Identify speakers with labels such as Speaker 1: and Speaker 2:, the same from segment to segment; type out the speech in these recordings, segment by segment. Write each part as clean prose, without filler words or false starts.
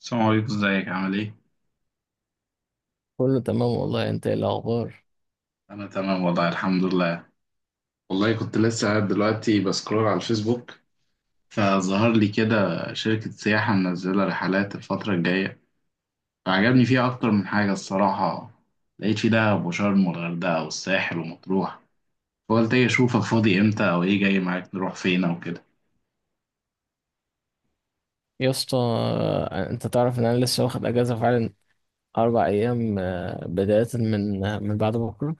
Speaker 1: السلام عليكم، ازيك؟ عامل ايه؟
Speaker 2: كله تمام والله، انت ايه الاخبار؟
Speaker 1: انا تمام والله، الحمد لله. والله كنت لسه قاعد دلوقتي بسكرول على الفيسبوك، فظهر لي كده شركة سياحة منزلة رحلات الفترة الجاية. فعجبني فيها أكتر من حاجة الصراحة. لقيت في دهب وشرم والغردقة والساحل ومطروح. فقلت ايه، أشوفك فاضي امتى أو ايه جاي معاك نروح فين أو كده.
Speaker 2: يا اسطى، انت تعرف ان انا لسه واخد اجازه فعلا. 4 ايام، بدايه من من بعد بكره.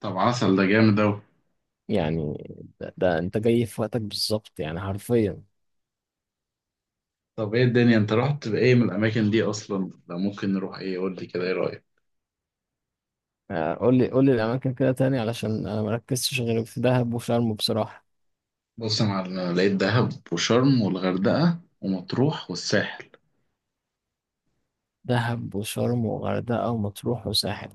Speaker 1: طب عسل، ده جامد أوي.
Speaker 2: يعني ده انت جاي في وقتك بالظبط، يعني حرفيا.
Speaker 1: طب ايه الدنيا، انت رحت بإيه من الأماكن دي أصلا؟ ده ممكن نروح ايه؟ قول لي كده، ايه رأيك؟
Speaker 2: قول لي قول لي الاماكن كده تاني، علشان انا مركزتش غير في دهب وشرم بصراحه.
Speaker 1: بص يا معلم، انا لقيت دهب وشرم والغردقه ومطروح والساحل.
Speaker 2: دهب وشرم وغردقه ومطروح وساحل.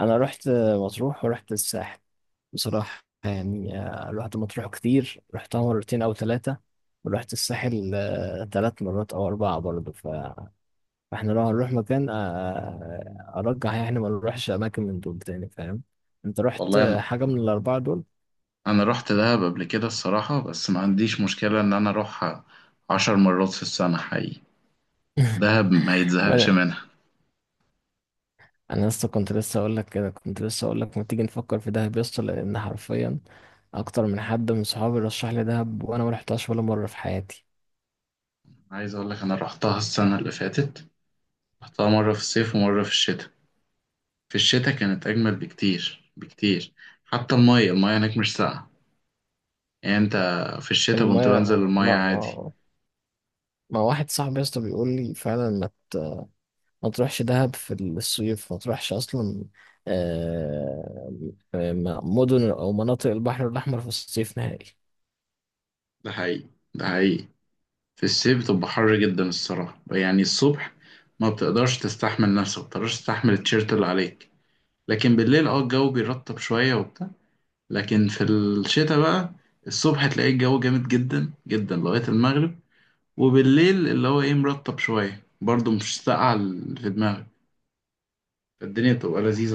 Speaker 2: انا رحت مطروح ورحت الساحل. بصراحة يعني الواحد مطروح كتير، رحتها مرتين أو ثلاثة. ورحت الساحل ثلاث مرات أو أربعة برضه فإحنا لو هنروح مكان، أرجح يعني ما نروحش أماكن من دول تاني، فاهم؟ أنت رحت
Speaker 1: والله انا
Speaker 2: حاجة من الأربعة دول؟
Speaker 1: انا رحت دهب قبل كده الصراحه. بس ما عنديش مشكله ان انا اروحها 10 مرات في السنه حقيقي. دهب ما يتزهقش
Speaker 2: وأنا
Speaker 1: منها.
Speaker 2: أنا لسه كنت لسه أقول لك كده، كنت لسه أقول لك ما تيجي نفكر في دهب يسطا، لأن حرفيا أكتر من حد من صحابي رشح لي دهب، وأنا ما رحتهاش ولا مرة في حياتي.
Speaker 1: عايز اقول لك انا رحتها السنه اللي فاتت. رحتها مره في الصيف ومره في الشتاء. في الشتاء كانت اجمل بكتير بكتير. حتى الميه هناك مش ساقعه. يعني انت، في الشتاء كنت بنزل
Speaker 2: المية
Speaker 1: الميه عادي.
Speaker 2: ما واحد صاحبي يسطا بيقول لي فعلا ما تروحش دهب في الصيف، ما تروحش اصلا. آه، مدن او مناطق البحر الاحمر في الصيف نهائي.
Speaker 1: ده حقيقي، ده حقيقي. في الصيف بتبقى حر جدا الصراحة، يعني الصبح ما بتقدرش تستحمل نفسك، ما بتقدرش تستحمل التيشيرت اللي عليك. لكن بالليل الجو بيرطب شوية وبتاع. لكن في الشتاء بقى، الصبح تلاقي الجو جامد جدا جدا لغاية المغرب. وبالليل اللي هو ايه مرطب شوية برضه، مش ساقعة في دماغك. الدنيا بتبقى لذيذة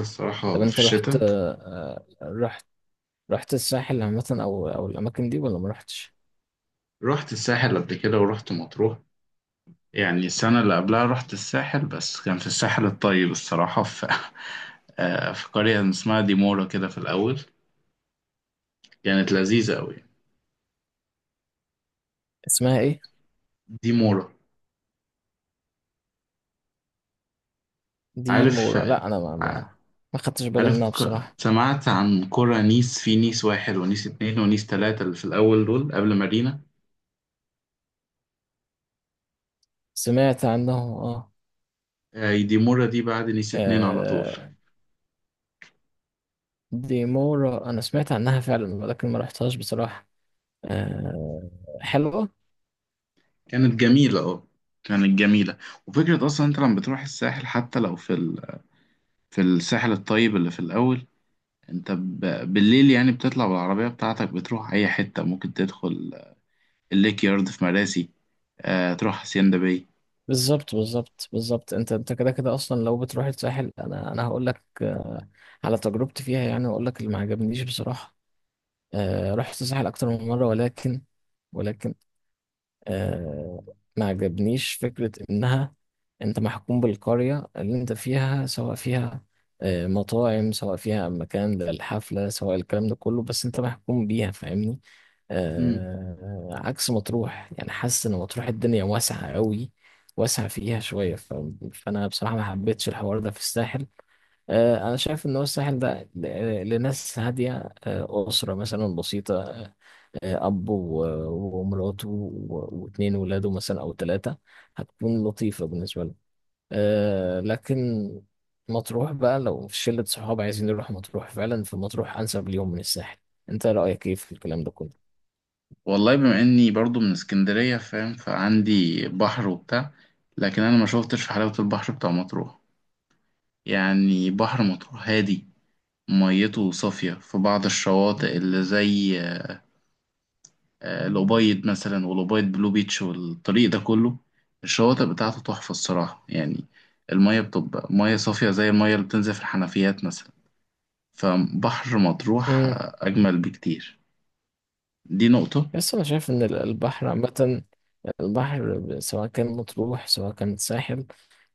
Speaker 2: طب
Speaker 1: الصراحة في
Speaker 2: انت رحت
Speaker 1: الشتاء.
Speaker 2: آه، رحت رحت الساحل عامه، او الاماكن دي ولا ما رحتش؟
Speaker 1: رحت الساحل قبل كده ورحت مطروح. يعني السنة اللي قبلها رحت الساحل، بس كان في الساحل الطيب الصراحة، في قرية اسمها ديمورا كده في الأول. كانت لذيذة أوي.
Speaker 2: اسمها ايه؟
Speaker 1: ديمورا.
Speaker 2: دي
Speaker 1: عارف
Speaker 2: مورا،
Speaker 1: آه،
Speaker 2: لا انا ما خدتش بالي منها
Speaker 1: عارف
Speaker 2: بصراحه.
Speaker 1: سمعت عن قرى نيس، في نيس واحد ونيس اتنين ونيس تلاتة اللي في الأول دول قبل مارينا.
Speaker 2: سمعت عنه، اه.
Speaker 1: ديمورا دي بعد نيس اتنين على طول.
Speaker 2: آه، دي مورا انا سمعت عنها فعلا، ولكن ما رحتهاش بصراحه. آه، حلوه.
Speaker 1: كانت جميلة، كانت جميلة. وفكرة أصلا أنت لما بتروح الساحل حتى لو في الساحل الطيب اللي في الأول، انت بالليل يعني بتطلع بالعربية بتاعتك بتروح اي حتة ممكن تدخل الليك يارد في مراسي، آه تروح hacienda باي.
Speaker 2: بالظبط بالظبط بالظبط، انت كده كده اصلا لو بتروح الساحل، انا هقول لك على تجربتي فيها يعني، واقول لك اللي ما عجبنيش بصراحه. رحت الساحل اكتر من مره، ولكن آه، ما عجبنيش فكرة إنها أنت محكوم بالقرية اللي أنت فيها، سواء فيها مطاعم، سواء فيها مكان للحفلة، سواء الكلام ده كله، بس أنت محكوم بيها، فاهمني؟
Speaker 1: امم
Speaker 2: عكس مطروح، يعني حاسس إن مطروح الدنيا واسعة قوي، واسعة فيها شوية فأنا بصراحة ما حبيتش الحوار ده في الساحل. أنا شايف إن هو الساحل ده لناس هادية، أسرة مثلا بسيطة، أب ومراته واتنين ولاده مثلا أو تلاتة، هتكون لطيفة بالنسبة لهم. لكن مطروح بقى، لو في شلة صحاب عايزين يروحوا مطروح فعلا، فمطروح أنسب ليهم من الساحل. أنت رأيك إيه في الكلام ده كله؟
Speaker 1: والله بما اني برضو من اسكندرية فاهم، فعندي بحر وبتاع. لكن انا ما شوفتش في حلاوة البحر بتاع مطروح. يعني بحر مطروح هادي، ميته صافية في بعض الشواطئ اللي زي الأبيض مثلا، والأبيض بلو بيتش والطريق ده كله، الشواطئ بتاعته تحفة الصراحة يعني. المية بتبقى مية صافية زي المية اللي بتنزل في الحنفيات مثلا. فبحر مطروح
Speaker 2: امم.
Speaker 1: أجمل بكتير. دي نقطة.
Speaker 2: بس أنا شايف إن البحر عامة، البحر سواء كان مطروح سواء كان ساحل،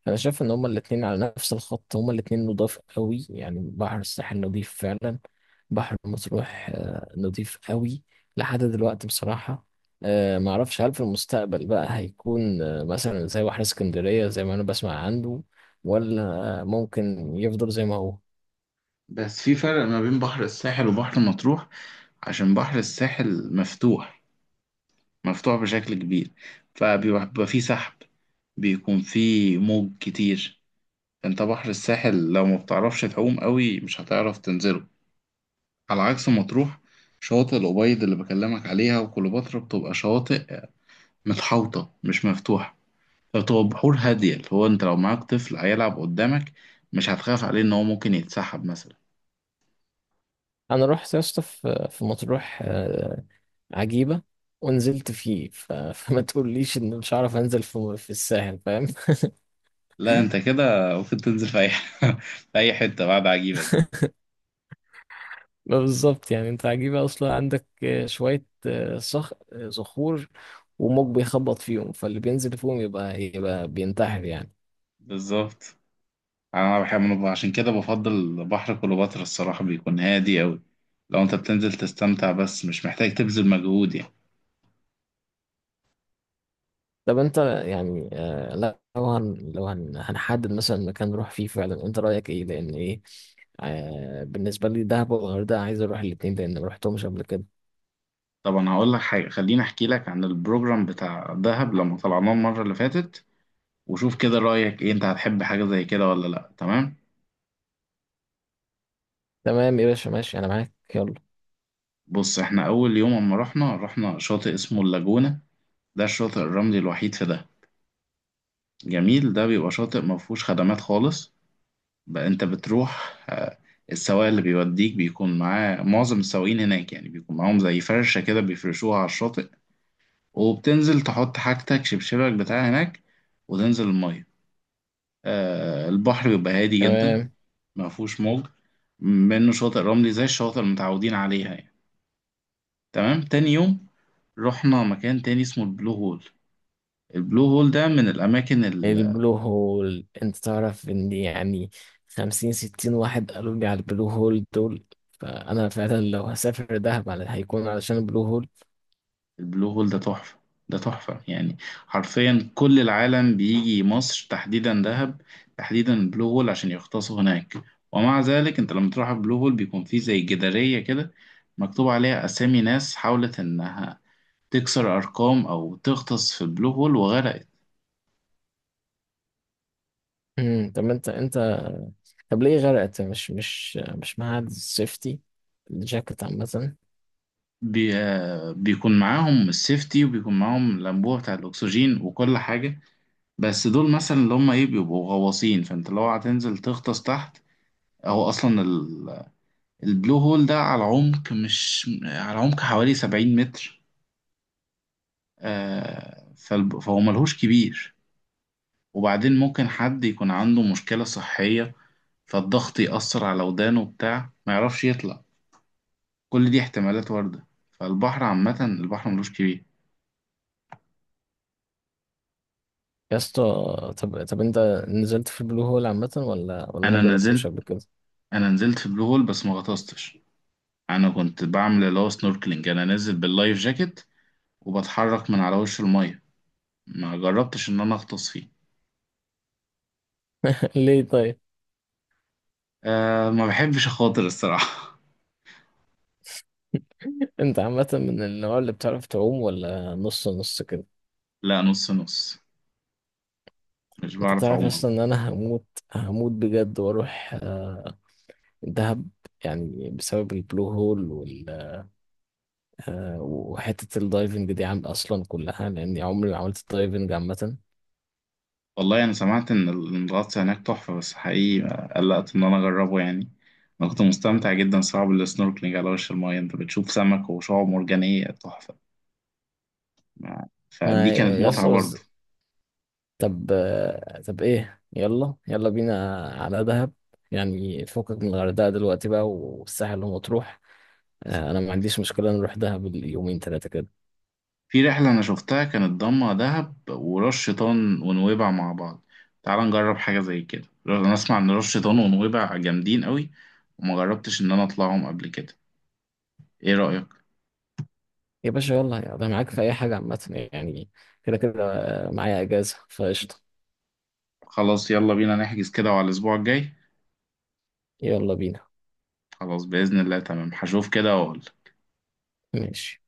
Speaker 2: انا شايف ان هما الاتنين على نفس الخط، هما الاتنين نضاف قوي، يعني بحر الساحل نضيف فعلا، بحر مطروح نضيف قوي. لحد دلوقتي بصراحة معرفش هل في المستقبل بقى هيكون مثلا زي بحر اسكندرية زي ما انا بسمع عنه، ولا ممكن يفضل زي ما هو.
Speaker 1: بس في فرق ما بين بحر الساحل وبحر مطروح. عشان بحر الساحل مفتوح، مفتوح بشكل كبير. فبيبقى فيه سحب، بيكون فيه موج كتير. انت بحر الساحل لو ما بتعرفش تعوم قوي مش هتعرف تنزله، على عكس مطروح. شواطئ الأبيض اللي بكلمك عليها وكليوباترا بتبقى شواطئ متحوطة، مش مفتوحة. فبتبقى بحور هادية، اللي هو أنت لو معاك طفل هيلعب قدامك مش هتخاف عليه إن هو ممكن يتسحب مثلا.
Speaker 2: انا رحت يا اسطى في مطروح عجيبة، ونزلت فيه فما تقوليش ان مش هعرف انزل في الساحل، فاهم؟
Speaker 1: لا أنت كده ممكن تنزل في أي في أي حتة بعد عجيبة دي.
Speaker 2: ما بالظبط يعني، انت عجيبة اصلا عندك شوية آه، صخ آه، صخور وموج بيخبط فيهم، فاللي بينزل فيهم يبقى بينتحر يعني.
Speaker 1: بالظبط. أنا بحب عشان كده بفضل بحر كليوباترا الصراحة، بيكون هادي أوي. لو أنت بتنزل تستمتع بس مش محتاج تبذل مجهود يعني.
Speaker 2: طب انت يعني لا، لو هنحدد مثلا مكان نروح فيه فعلا، انت رأيك ايه، لان ايه، بالنسبة لي دهب والغردقة عايز اروح الاتنين، لان ما رحتهمش قبل كده.
Speaker 1: طبعا هقول لك حاجة، خليني أحكي لك عن البروجرام بتاع دهب لما طلعناه المرة اللي فاتت، وشوف كده رأيك إيه، أنت هتحب حاجة زي كده ولا لأ، تمام؟
Speaker 2: تمام يا باشا، ماشي انا معاك، يلا.
Speaker 1: بص إحنا أول يوم أما رحنا شاطئ اسمه اللاجونة. ده الشاطئ الرملي الوحيد في دهب. جميل، ده بيبقى شاطئ مفهوش خدمات خالص. بقى أنت بتروح السواق اللي بيوديك بيكون معاه، معظم السواقين هناك يعني بيكون معاهم زي فرشة كده بيفرشوها على الشاطئ. وبتنزل تحط حاجتك شبشبك بتاع هناك وتنزل المية. البحر بيبقى هادي جدا.
Speaker 2: تمام.
Speaker 1: ما فيهوش موج. منه شاطئ رملي زي الشواطئ اللي متعودين عليها يعني. تمام. تاني يوم رحنا مكان تاني اسمه البلو هول. البلو هول ده من الأماكن.
Speaker 2: البلو هول، انت تعرف ان يعني 50-60 واحد قالوا لي على البلو هول دول، فانا فعلا لو هسافر دهب هيكون علشان البلو هول.
Speaker 1: البلو هول ده تحفة. ده تحفة يعني، حرفيا كل العالم بيجي مصر تحديدا دهب، تحديدا البلو هول عشان يغطسوا هناك. ومع ذلك انت لما تروح البلو هول بيكون فيه زي جدارية كده مكتوب عليها أسامي ناس حاولت إنها تكسر أرقام أو تغطس في البلو هول وغرقت.
Speaker 2: مم، طب انت انت طب ليه غرقت، مش معاك السيفتي الجاكيت عامة؟
Speaker 1: بي... بيكون معاهم السيفتي، وبيكون معاهم الأنبوبة بتاع الأكسجين وكل حاجة. بس دول مثلا اللي هم إيه بيبقوا غواصين، فأنت لو هتنزل تغطس تحت، أو أصلا البلو هول ده على عمق مش على عمق حوالي 70 متر. فهو ملهوش كبير. وبعدين ممكن حد يكون عنده مشكلة صحية، فالضغط يأثر على ودانه بتاع، ما يعرفش يطلع. كل دي احتمالات واردة. فالبحر عامة البحر ملوش كبير.
Speaker 2: يا اسطى، طب انت نزلت في البلو هول عامة، ولا ما
Speaker 1: أنا نزلت
Speaker 2: جربتوش قبل كده؟
Speaker 1: أنا نزلت في البلو هول بس ما غطستش. أنا كنت بعمل اللي هو سنوركلينج، أنا نازل باللايف جاكيت وبتحرك من على وش المية. ما جربتش إن أنا أغطس فيه.
Speaker 2: ليه طيب؟
Speaker 1: أه ما بحبش أخاطر الصراحة.
Speaker 2: انت عامة من النوع اللي بتعرف تعوم، ولا نص نص كده؟
Speaker 1: لا، نص نص. مش
Speaker 2: انت
Speaker 1: بعرف
Speaker 2: تعرف
Speaker 1: أعوم
Speaker 2: اصلا
Speaker 1: أوي.
Speaker 2: ان انا هموت، هموت بجد واروح دهب. يعني بسبب البلو هول وحتة الدايفنج دي عم أصلا كلها، لأني عمري ما عملت الدايفنج عامة.
Speaker 1: والله أنا سمعت إن إن الغطس هناك تحفة، بس حقيقي قلقت إن أنا أجربه يعني. أنا كنت مستمتع جدا صعب السنوركلينج على وش الماية، أنت بتشوف سمك وشعاب مرجانية تحفة. فدي
Speaker 2: ما
Speaker 1: كانت متعة
Speaker 2: يسطا بس،
Speaker 1: برضه.
Speaker 2: طب إيه، يلا يلا بينا على دهب. يعني فكك من الغردقة دلوقتي بقى والساحل ومطروح، أنا ما عنديش مشكلة نروح دهب اليومين تلاتة كده.
Speaker 1: في رحلة أنا شفتها كانت ضمة دهب وراس شيطان ونويبع مع بعض. تعال نجرب حاجة زي كده، أنا أسمع إن راس شيطان ونويبع جامدين قوي وما جربتش إن أنا أطلعهم قبل كده. إيه رأيك؟
Speaker 2: يا باشا يلا أنا معاك في أي حاجة عامة يعني، كده كده معايا إجازة فقشطة.
Speaker 1: خلاص يلا بينا نحجز كده على الأسبوع الجاي.
Speaker 2: يلا بينا.
Speaker 1: خلاص بإذن الله تمام، هشوف كده وأقول.
Speaker 2: ماشي.